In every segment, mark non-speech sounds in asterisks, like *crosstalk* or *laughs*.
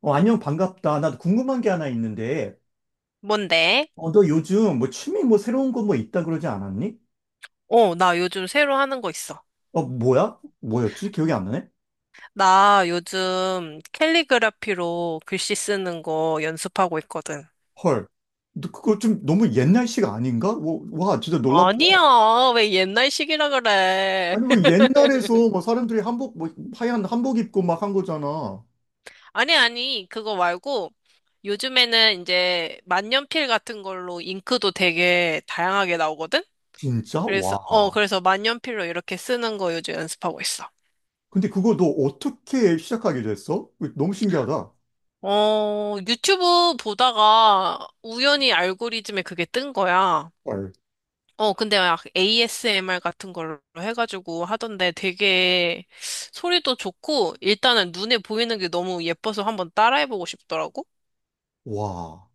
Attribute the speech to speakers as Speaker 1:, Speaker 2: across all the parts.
Speaker 1: 어, 안녕, 반갑다. 나도 궁금한 게 하나 있는데,
Speaker 2: 뭔데?
Speaker 1: 어, 너 요즘 뭐 취미 뭐 새로운 거 뭐 있다 그러지 않았니?
Speaker 2: 어, 나 요즘 새로 하는 거 있어.
Speaker 1: 어, 뭐야? 뭐였지? 기억이 안 나네?
Speaker 2: 나 요즘 캘리그라피로 글씨 쓰는 거 연습하고 있거든.
Speaker 1: 헐. 너 그거 좀 너무 옛날식 아닌가? 뭐, 와, 진짜 놀랍다.
Speaker 2: 아니야, 왜 옛날식이라 그래.
Speaker 1: 아니, 뭐
Speaker 2: *laughs*
Speaker 1: 옛날에서 뭐 사람들이 한복, 뭐 하얀 한복 입고 막 한 거잖아.
Speaker 2: 아니, 아니, 그거 말고 요즘에는 이제 만년필 같은 걸로 잉크도 되게 다양하게 나오거든?
Speaker 1: 진짜?
Speaker 2: 그래서,
Speaker 1: 와.
Speaker 2: 어, 그래서 만년필로 이렇게 쓰는 거 요즘 연습하고 있어.
Speaker 1: 근데 그거 너 어떻게 시작하게 됐어? 그거 너무 신기하다.
Speaker 2: 어, 유튜브 보다가 우연히 알고리즘에 그게 뜬 거야.
Speaker 1: 헐.
Speaker 2: 어, 근데 막 ASMR 같은 걸로 해가지고 하던데 되게 소리도 좋고 일단은 눈에 보이는 게 너무 예뻐서 한번 따라해보고 싶더라고.
Speaker 1: 와.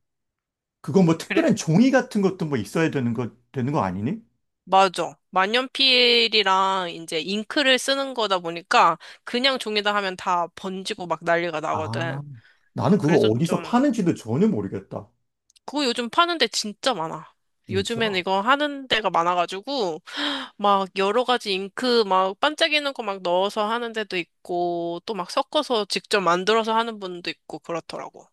Speaker 1: 그거 뭐
Speaker 2: 그래.
Speaker 1: 특별한 종이 같은 것도 뭐 있어야 되는 거, 되는 거 아니니?
Speaker 2: 맞아. 만년필이랑 이제 잉크를 쓰는 거다 보니까 그냥 종이다 하면 다 번지고 막 난리가
Speaker 1: 아.
Speaker 2: 나거든.
Speaker 1: 나는 그거
Speaker 2: 그래서
Speaker 1: 어디서
Speaker 2: 좀,
Speaker 1: 파는지도 전혀 모르겠다.
Speaker 2: 그거 요즘 파는 데 진짜 많아. 요즘엔
Speaker 1: 진짜?
Speaker 2: 이거 하는 데가 많아가지고 막 여러 가지 잉크 막 반짝이는 거 막 넣어서 하는 데도 있고 또 막 섞어서 직접 만들어서 하는 분도 있고 그렇더라고.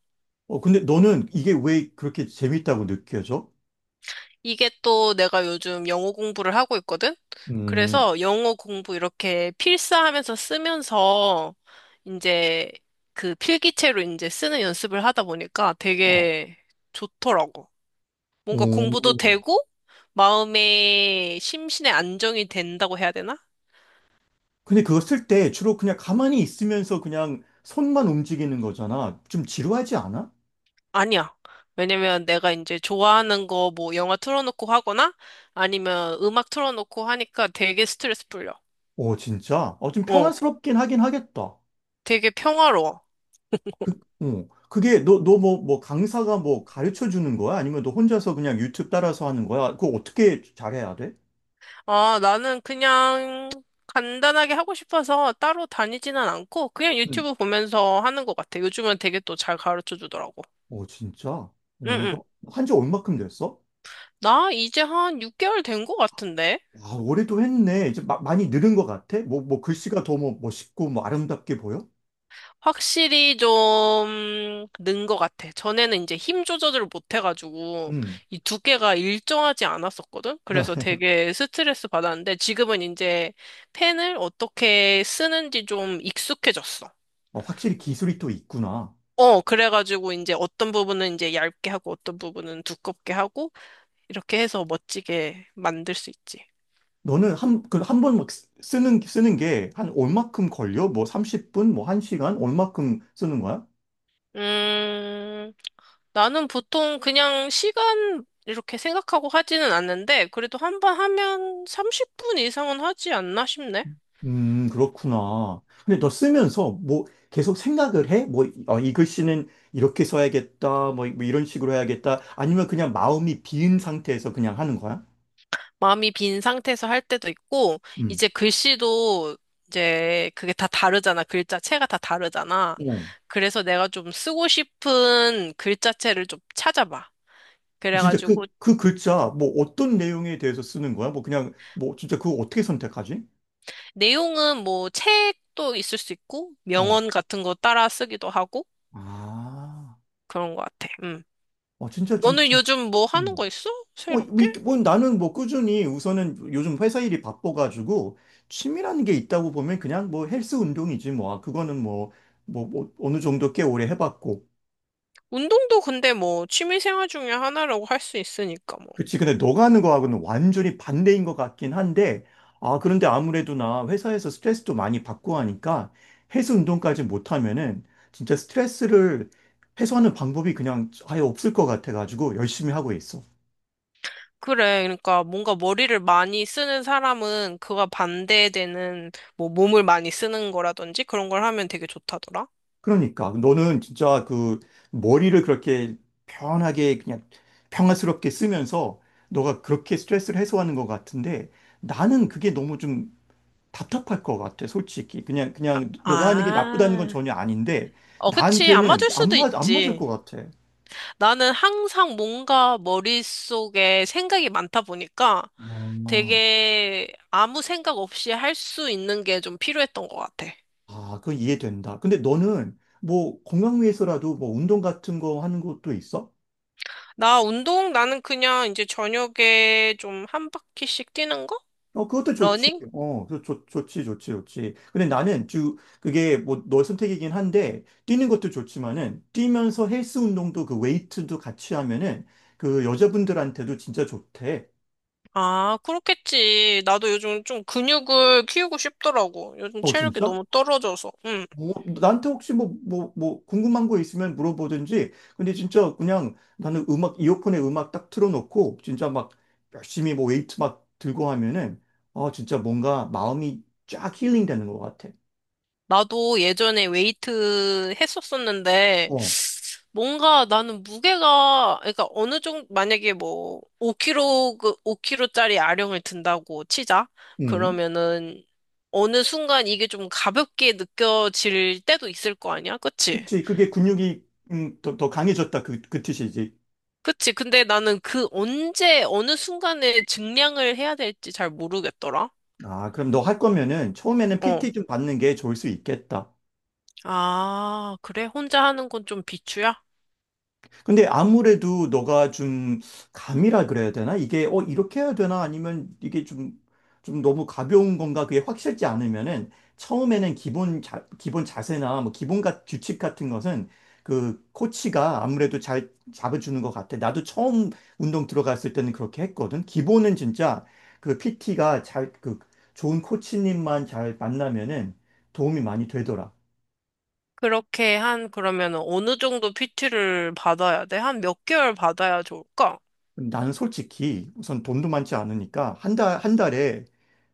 Speaker 1: 어, 근데 너는 이게 왜 그렇게 재밌다고 느껴져?
Speaker 2: 이게 또 내가 요즘 영어 공부를 하고 있거든?
Speaker 1: 음,
Speaker 2: 그래서 영어 공부 이렇게 필사하면서 쓰면서 이제 그 필기체로 이제 쓰는 연습을 하다 보니까
Speaker 1: 어.
Speaker 2: 되게 좋더라고. 뭔가 공부도
Speaker 1: 오,
Speaker 2: 되고 마음의 심신의 안정이 된다고 해야 되나?
Speaker 1: 근데 그거 쓸 때 주로 그냥 가만히 있으면서 그냥 손만 움직이는 거잖아. 좀 지루하지 않아?
Speaker 2: 아니야. 왜냐면 내가 이제 좋아하는 거 뭐 영화 틀어놓고 하거나 아니면 음악 틀어놓고 하니까 되게 스트레스 풀려.
Speaker 1: 어, 진짜? 어, 좀
Speaker 2: 어,
Speaker 1: 평안스럽긴 하긴 하겠다.
Speaker 2: 되게 평화로워.
Speaker 1: 그, 어. 그게 너, 너 뭐, 뭐 강사가 뭐 가르쳐 주는 거야? 아니면 너 혼자서 그냥 유튜브 따라서 하는 거야? 그거 어떻게 잘해야 돼?
Speaker 2: 아, 나는 그냥 간단하게 하고 싶어서 따로 다니지는 않고 그냥
Speaker 1: 음.
Speaker 2: 유튜브 보면서 하는 것 같아. 요즘은 되게 또 잘 가르쳐 주더라고.
Speaker 1: 어, 진짜? 어,
Speaker 2: 응, 응.
Speaker 1: 너 한지 얼마큼 됐어?
Speaker 2: 나 이제 한 6개월 된 것 같은데?
Speaker 1: 아, 올해도 했네. 이제 많이 늘은 것 같아? 뭐, 뭐, 글씨가 더 뭐, 멋있고, 뭐, 아름답게 보여?
Speaker 2: 확실히 좀 는 것 같아. 전에는 이제 힘 조절을 못 해가지고
Speaker 1: 음.
Speaker 2: 이 두께가 일정하지 않았었거든? 그래서
Speaker 1: *laughs*
Speaker 2: 되게 스트레스 받았는데 지금은 이제 펜을 어떻게 쓰는지 좀 익숙해졌어.
Speaker 1: 어, 확실히 기술이 또 있구나.
Speaker 2: 어, 그래가지고 이제 어떤 부분은 이제 얇게 하고 어떤 부분은 두껍게 하고 이렇게 해서 멋지게 만들 수 있지.
Speaker 1: 너는 한, 그, 한 번 막 쓰는 게 한 얼마큼 걸려? 뭐, 30분, 뭐, 1시간? 얼마큼 쓰는 거야?
Speaker 2: 음, 나는 보통 그냥 시간 이렇게 생각하고 하지는 않는데, 그래도 한 번 하면 30분 이상은 하지 않나 싶네.
Speaker 1: 그렇구나. 근데 너 쓰면서 뭐, 계속 생각을 해? 뭐, 어, 이 글씨는 이렇게 써야겠다. 뭐, 뭐 이런 식으로 해야겠다. 아니면 그냥 마음이 비은 상태에서 그냥 하는 거야?
Speaker 2: 마음이 빈 상태에서 할 때도 있고,
Speaker 1: 음.
Speaker 2: 이제 글씨도 이제 그게 다 다르잖아. 글자체가 다 다르잖아. 그래서 내가 좀 쓰고 싶은 글자체를 좀 찾아봐.
Speaker 1: 진짜 그,
Speaker 2: 그래가지고,
Speaker 1: 그 글자, 뭐 어떤 내용에 대해서 쓰는 거야? 뭐 그냥, 뭐 진짜 그거 어떻게 선택하지?
Speaker 2: 내용은 뭐 책도 있을 수 있고,
Speaker 1: 어.
Speaker 2: 명언 같은 거 따라 쓰기도 하고,
Speaker 1: 아,
Speaker 2: 그런 것 같아. 음.
Speaker 1: 어, 진짜 좀,
Speaker 2: 너는 요즘 뭐
Speaker 1: 음.
Speaker 2: 하는 거 있어?
Speaker 1: 어, 뭐,
Speaker 2: 새롭게?
Speaker 1: 뭐 나는 뭐 꾸준히 우선은 요즘 회사 일이 바빠가지고 취미라는 게 있다고 보면 그냥 뭐 헬스 운동이지 뭐. 아, 그거는 뭐, 뭐, 뭐 어느 정도 꽤 오래 해봤고.
Speaker 2: 운동도 근데 뭐 취미 생활 중에 하나라고 할 수 있으니까 뭐.
Speaker 1: 그치. 근데 너가 하는 거하고는 완전히 반대인 것 같긴 한데, 아, 그런데 아무래도 나 회사에서 스트레스도 많이 받고 하니까 해수 운동까지 못하면은 진짜 스트레스를 해소하는 방법이 그냥 아예 없을 것 같아가지고 열심히 하고 있어.
Speaker 2: 그래. 그러니까 뭔가 머리를 많이 쓰는 사람은 그와 반대되는 뭐 몸을 많이 쓰는 거라든지 그런 걸 하면 되게 좋다더라.
Speaker 1: 그러니까 너는 진짜 그 머리를 그렇게 편하게 그냥 평화스럽게 쓰면서 너가 그렇게 스트레스를 해소하는 것 같은데 나는 그게 너무 좀 답답할 것 같아, 솔직히. 그냥,
Speaker 2: 아,
Speaker 1: 그냥 너가 하는 게 나쁘다는 건
Speaker 2: 아.
Speaker 1: 전혀 아닌데,
Speaker 2: 어, 그치. 안
Speaker 1: 나한테는
Speaker 2: 맞을 수도
Speaker 1: 안 맞을
Speaker 2: 있지.
Speaker 1: 것 같아.
Speaker 2: 나는 항상 뭔가 머릿속에 생각이 많다 보니까
Speaker 1: 와,
Speaker 2: 되게 아무 생각 없이 할 수 있는 게 좀 필요했던 것 같아.
Speaker 1: 아, 그건 이해된다. 근데 너는 뭐 건강 위해서라도 뭐 운동 같은 거 하는 것도 있어?
Speaker 2: 나 운동? 나는 그냥 이제 저녁에 좀 한 바퀴씩 뛰는 거?
Speaker 1: 어, 그것도 좋지.
Speaker 2: 러닝?
Speaker 1: 어, 그 좋지, 좋지, 좋지. 근데 나는 주, 그게 뭐 너의 선택이긴 한데, 뛰는 것도 좋지만은, 뛰면서 헬스 운동도 그 웨이트도 같이 하면은, 그 여자분들한테도 진짜 좋대.
Speaker 2: 아, 그렇겠지. 나도 요즘 좀 근육을 키우고 싶더라고. 요즘
Speaker 1: 어,
Speaker 2: 체력이
Speaker 1: 진짜?
Speaker 2: 너무 떨어져서. 응.
Speaker 1: 뭐, 나한테 혹시 뭐, 뭐, 뭐, 궁금한 거 있으면 물어보든지. 근데 진짜 그냥 나는 이어폰에 음악 딱 틀어놓고, 진짜 막 열심히 뭐 웨이트 막 들고 하면은, 어, 진짜 뭔가 마음이 쫙 힐링 되는 것 같아.
Speaker 2: 나도 예전에 웨이트 했었었는데,
Speaker 1: 어,
Speaker 2: 뭔가 나는 무게가, 그러니까 어느 정도, 만약에 뭐, 5kg, 그 5kg짜리 아령을 든다고 치자.
Speaker 1: 음.
Speaker 2: 그러면은, 어느 순간 이게 좀 가볍게 느껴질 때도 있을 거 아니야? 그치?
Speaker 1: 그치. 그게 근육이, 더 강해졌다. 그 뜻이지.
Speaker 2: 그치. 근데 나는 그 언제, 어느 순간에 증량을 해야 될지 잘 모르겠더라.
Speaker 1: 아, 그럼 너 할 거면은 처음에는
Speaker 2: 어.
Speaker 1: PT 좀 받는 게 좋을 수 있겠다.
Speaker 2: 아, 그래? 혼자 하는 건 좀 비추야?
Speaker 1: 근데 아무래도 너가 좀 감이라 그래야 되나? 이게 어 이렇게 해야 되나? 아니면 이게 좀 좀 너무 가벼운 건가? 그게 확실치 않으면은 처음에는 기본 자세나 뭐 기본 같 규칙 같은 것은 그 코치가 아무래도 잘 잡아주는 것 같아. 나도 처음 운동 들어갔을 때는 그렇게 했거든. 기본은 진짜 그 PT가 잘 그 좋은 코치님만 잘 만나면은 도움이 많이 되더라.
Speaker 2: 그러면 어느 정도 PT를 받아야 돼? 한 몇 개월 받아야 좋을까?
Speaker 1: 나는 솔직히 우선 돈도 많지 않으니까 한 달에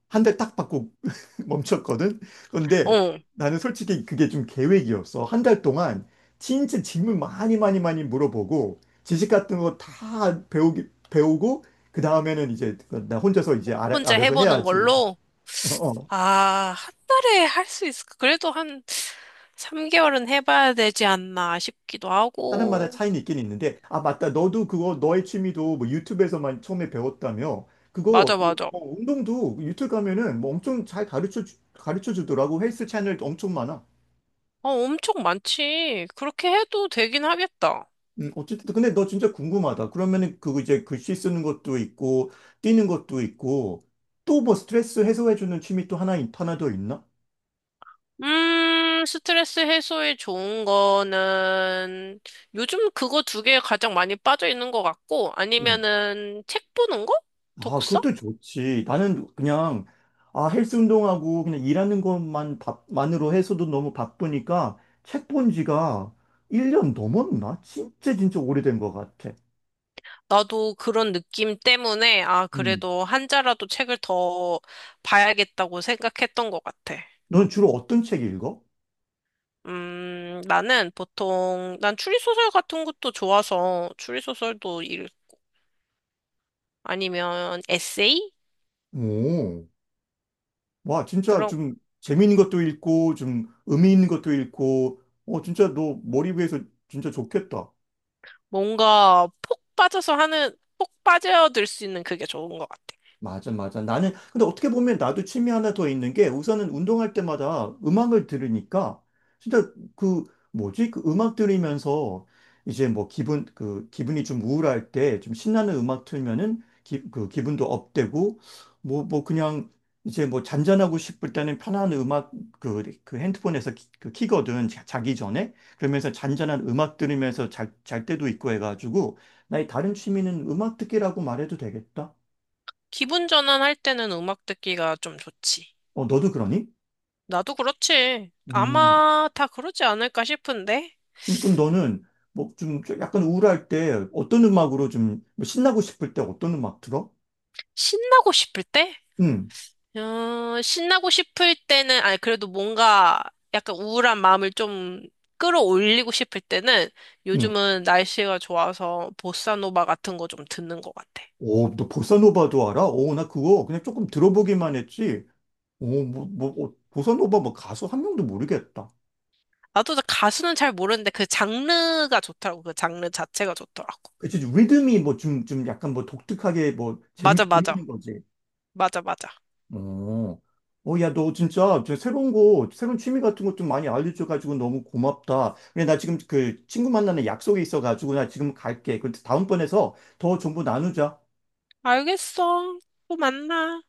Speaker 1: 한 달 딱 받고 *laughs* 멈췄거든. 그런데
Speaker 2: 어.
Speaker 1: 나는 솔직히 그게 좀 계획이었어. 한 달 동안 진짜 질문 많이 많이 많이 물어보고 지식 같은 거 다 배우기 배우고 그 다음에는 이제 나 혼자서 이제
Speaker 2: 혼자
Speaker 1: 알아서
Speaker 2: 해보는
Speaker 1: 해야지.
Speaker 2: 걸로?
Speaker 1: *laughs* 어.
Speaker 2: 아, 한 달에 할 수 있을까? 그래도 한 3개월은 해봐야 되지 않나 싶기도
Speaker 1: 사람마다
Speaker 2: 하고.
Speaker 1: 차이는 있긴 있는데 아 맞다 너도 그거 너의 취미도 뭐 유튜브에서만 처음에 배웠다며 그거
Speaker 2: 맞아,
Speaker 1: 그,
Speaker 2: 맞아.
Speaker 1: 뭐 운동도 유튜브 가면은 뭐 엄청 잘 가르쳐 가르쳐 주더라고 헬스 채널도 엄청 많아.
Speaker 2: 어, 엄청 많지. 그렇게 해도 되긴 하겠다.
Speaker 1: 어쨌든 근데 너 진짜 궁금하다. 그러면은 그거 이제 글씨 쓰는 것도 있고 뛰는 것도 있고 또 뭐 스트레스 해소해 주는 취미 또 하나 하나 더 있나?
Speaker 2: 스트레스 해소에 좋은 거는 요즘 그거 두 개 가장 많이 빠져 있는 것 같고
Speaker 1: 음.
Speaker 2: 아니면은 책 보는 거?
Speaker 1: 아,
Speaker 2: 독서?
Speaker 1: 그것도 좋지. 나는 그냥 아, 헬스 운동하고 그냥 일하는 것만 밥만으로 해서도 너무 바쁘니까 책 본 지가 1년 넘었나? 진짜 진짜 오래된 것 같아.
Speaker 2: 나도 그런 느낌 때문에 아,
Speaker 1: 음.
Speaker 2: 그래도 한 자라도 책을 더 봐야겠다고 생각했던 것 같아.
Speaker 1: 넌 주로 어떤 책 읽어?
Speaker 2: 나는 보통 난 추리소설 같은 것도 좋아서 추리소설도 읽고 아니면 에세이?
Speaker 1: 오. 와, 진짜
Speaker 2: 그런
Speaker 1: 좀 재미있는 것도 읽고, 좀 의미 있는 것도 읽고, 어, 진짜 너 머리 위해서 진짜 좋겠다.
Speaker 2: 뭔가 폭 빠져서 하는 폭 빠져들 수 있는 그게 좋은 것 같아.
Speaker 1: 맞아, 맞아. 나는, 근데 어떻게 보면 나도 취미 하나 더 있는 게 우선은 운동할 때마다 음악을 들으니까 진짜 그 뭐지? 그 음악 들으면서 이제 뭐 기분, 그 기분이 좀 우울할 때 좀 신나는 음악 틀면은 그 기분도 업되고 뭐, 뭐 그냥 이제 뭐 잔잔하고 싶을 때는 편한 음악 그 핸드폰에서 그 키거든. 자기 전에. 그러면서 잔잔한 음악 들으면서 잘 때도 있고 해가지고 나의 다른 취미는 음악 듣기라고 말해도 되겠다.
Speaker 2: 기분 전환할 때는 음악 듣기가 좀 좋지.
Speaker 1: 어, 너도 그러니?
Speaker 2: 나도 그렇지.
Speaker 1: 음,
Speaker 2: 아마 다 그러지 않을까 싶은데?
Speaker 1: 그럼, 그럼 너는 뭐 좀 약간 우울할 때 어떤 음악으로 좀뭐 신나고 싶을 때 어떤 음악 들어?
Speaker 2: 신나고 싶을 때?
Speaker 1: 응,
Speaker 2: 어, 신나고 싶을 때는, 아니, 그래도 뭔가 약간 우울한 마음을 좀 끌어올리고 싶을 때는
Speaker 1: 응.
Speaker 2: 요즘은 날씨가 좋아서 보사노바 같은 거 좀 듣는 것 같아.
Speaker 1: 오, 너 보사노바도 알아? 오, 나 그거 그냥 조금 들어보기만 했지. 오, 뭐, 뭐, 어, 보사노바 뭐 가수 한 명도 모르겠다.
Speaker 2: 나도 가수는 잘 모르는데 그 장르가 좋더라고. 그 장르 자체가 좋더라고.
Speaker 1: 그치, 리듬이 뭐 좀, 좀 약간 뭐 독특하게 뭐
Speaker 2: 맞아, 맞아.
Speaker 1: 재밌는 거지.
Speaker 2: 맞아, 맞아.
Speaker 1: 어, 어, 야, 너 진짜 저 새로운 거, 새로운 취미 같은 것 좀 많이 알려줘가지고 너무 고맙다. 근데 나 지금 그 친구 만나는 약속이 있어가지고 나 지금 갈게. 그데 다음번에서 더 정보 나누자.
Speaker 2: 알겠어. 또 만나.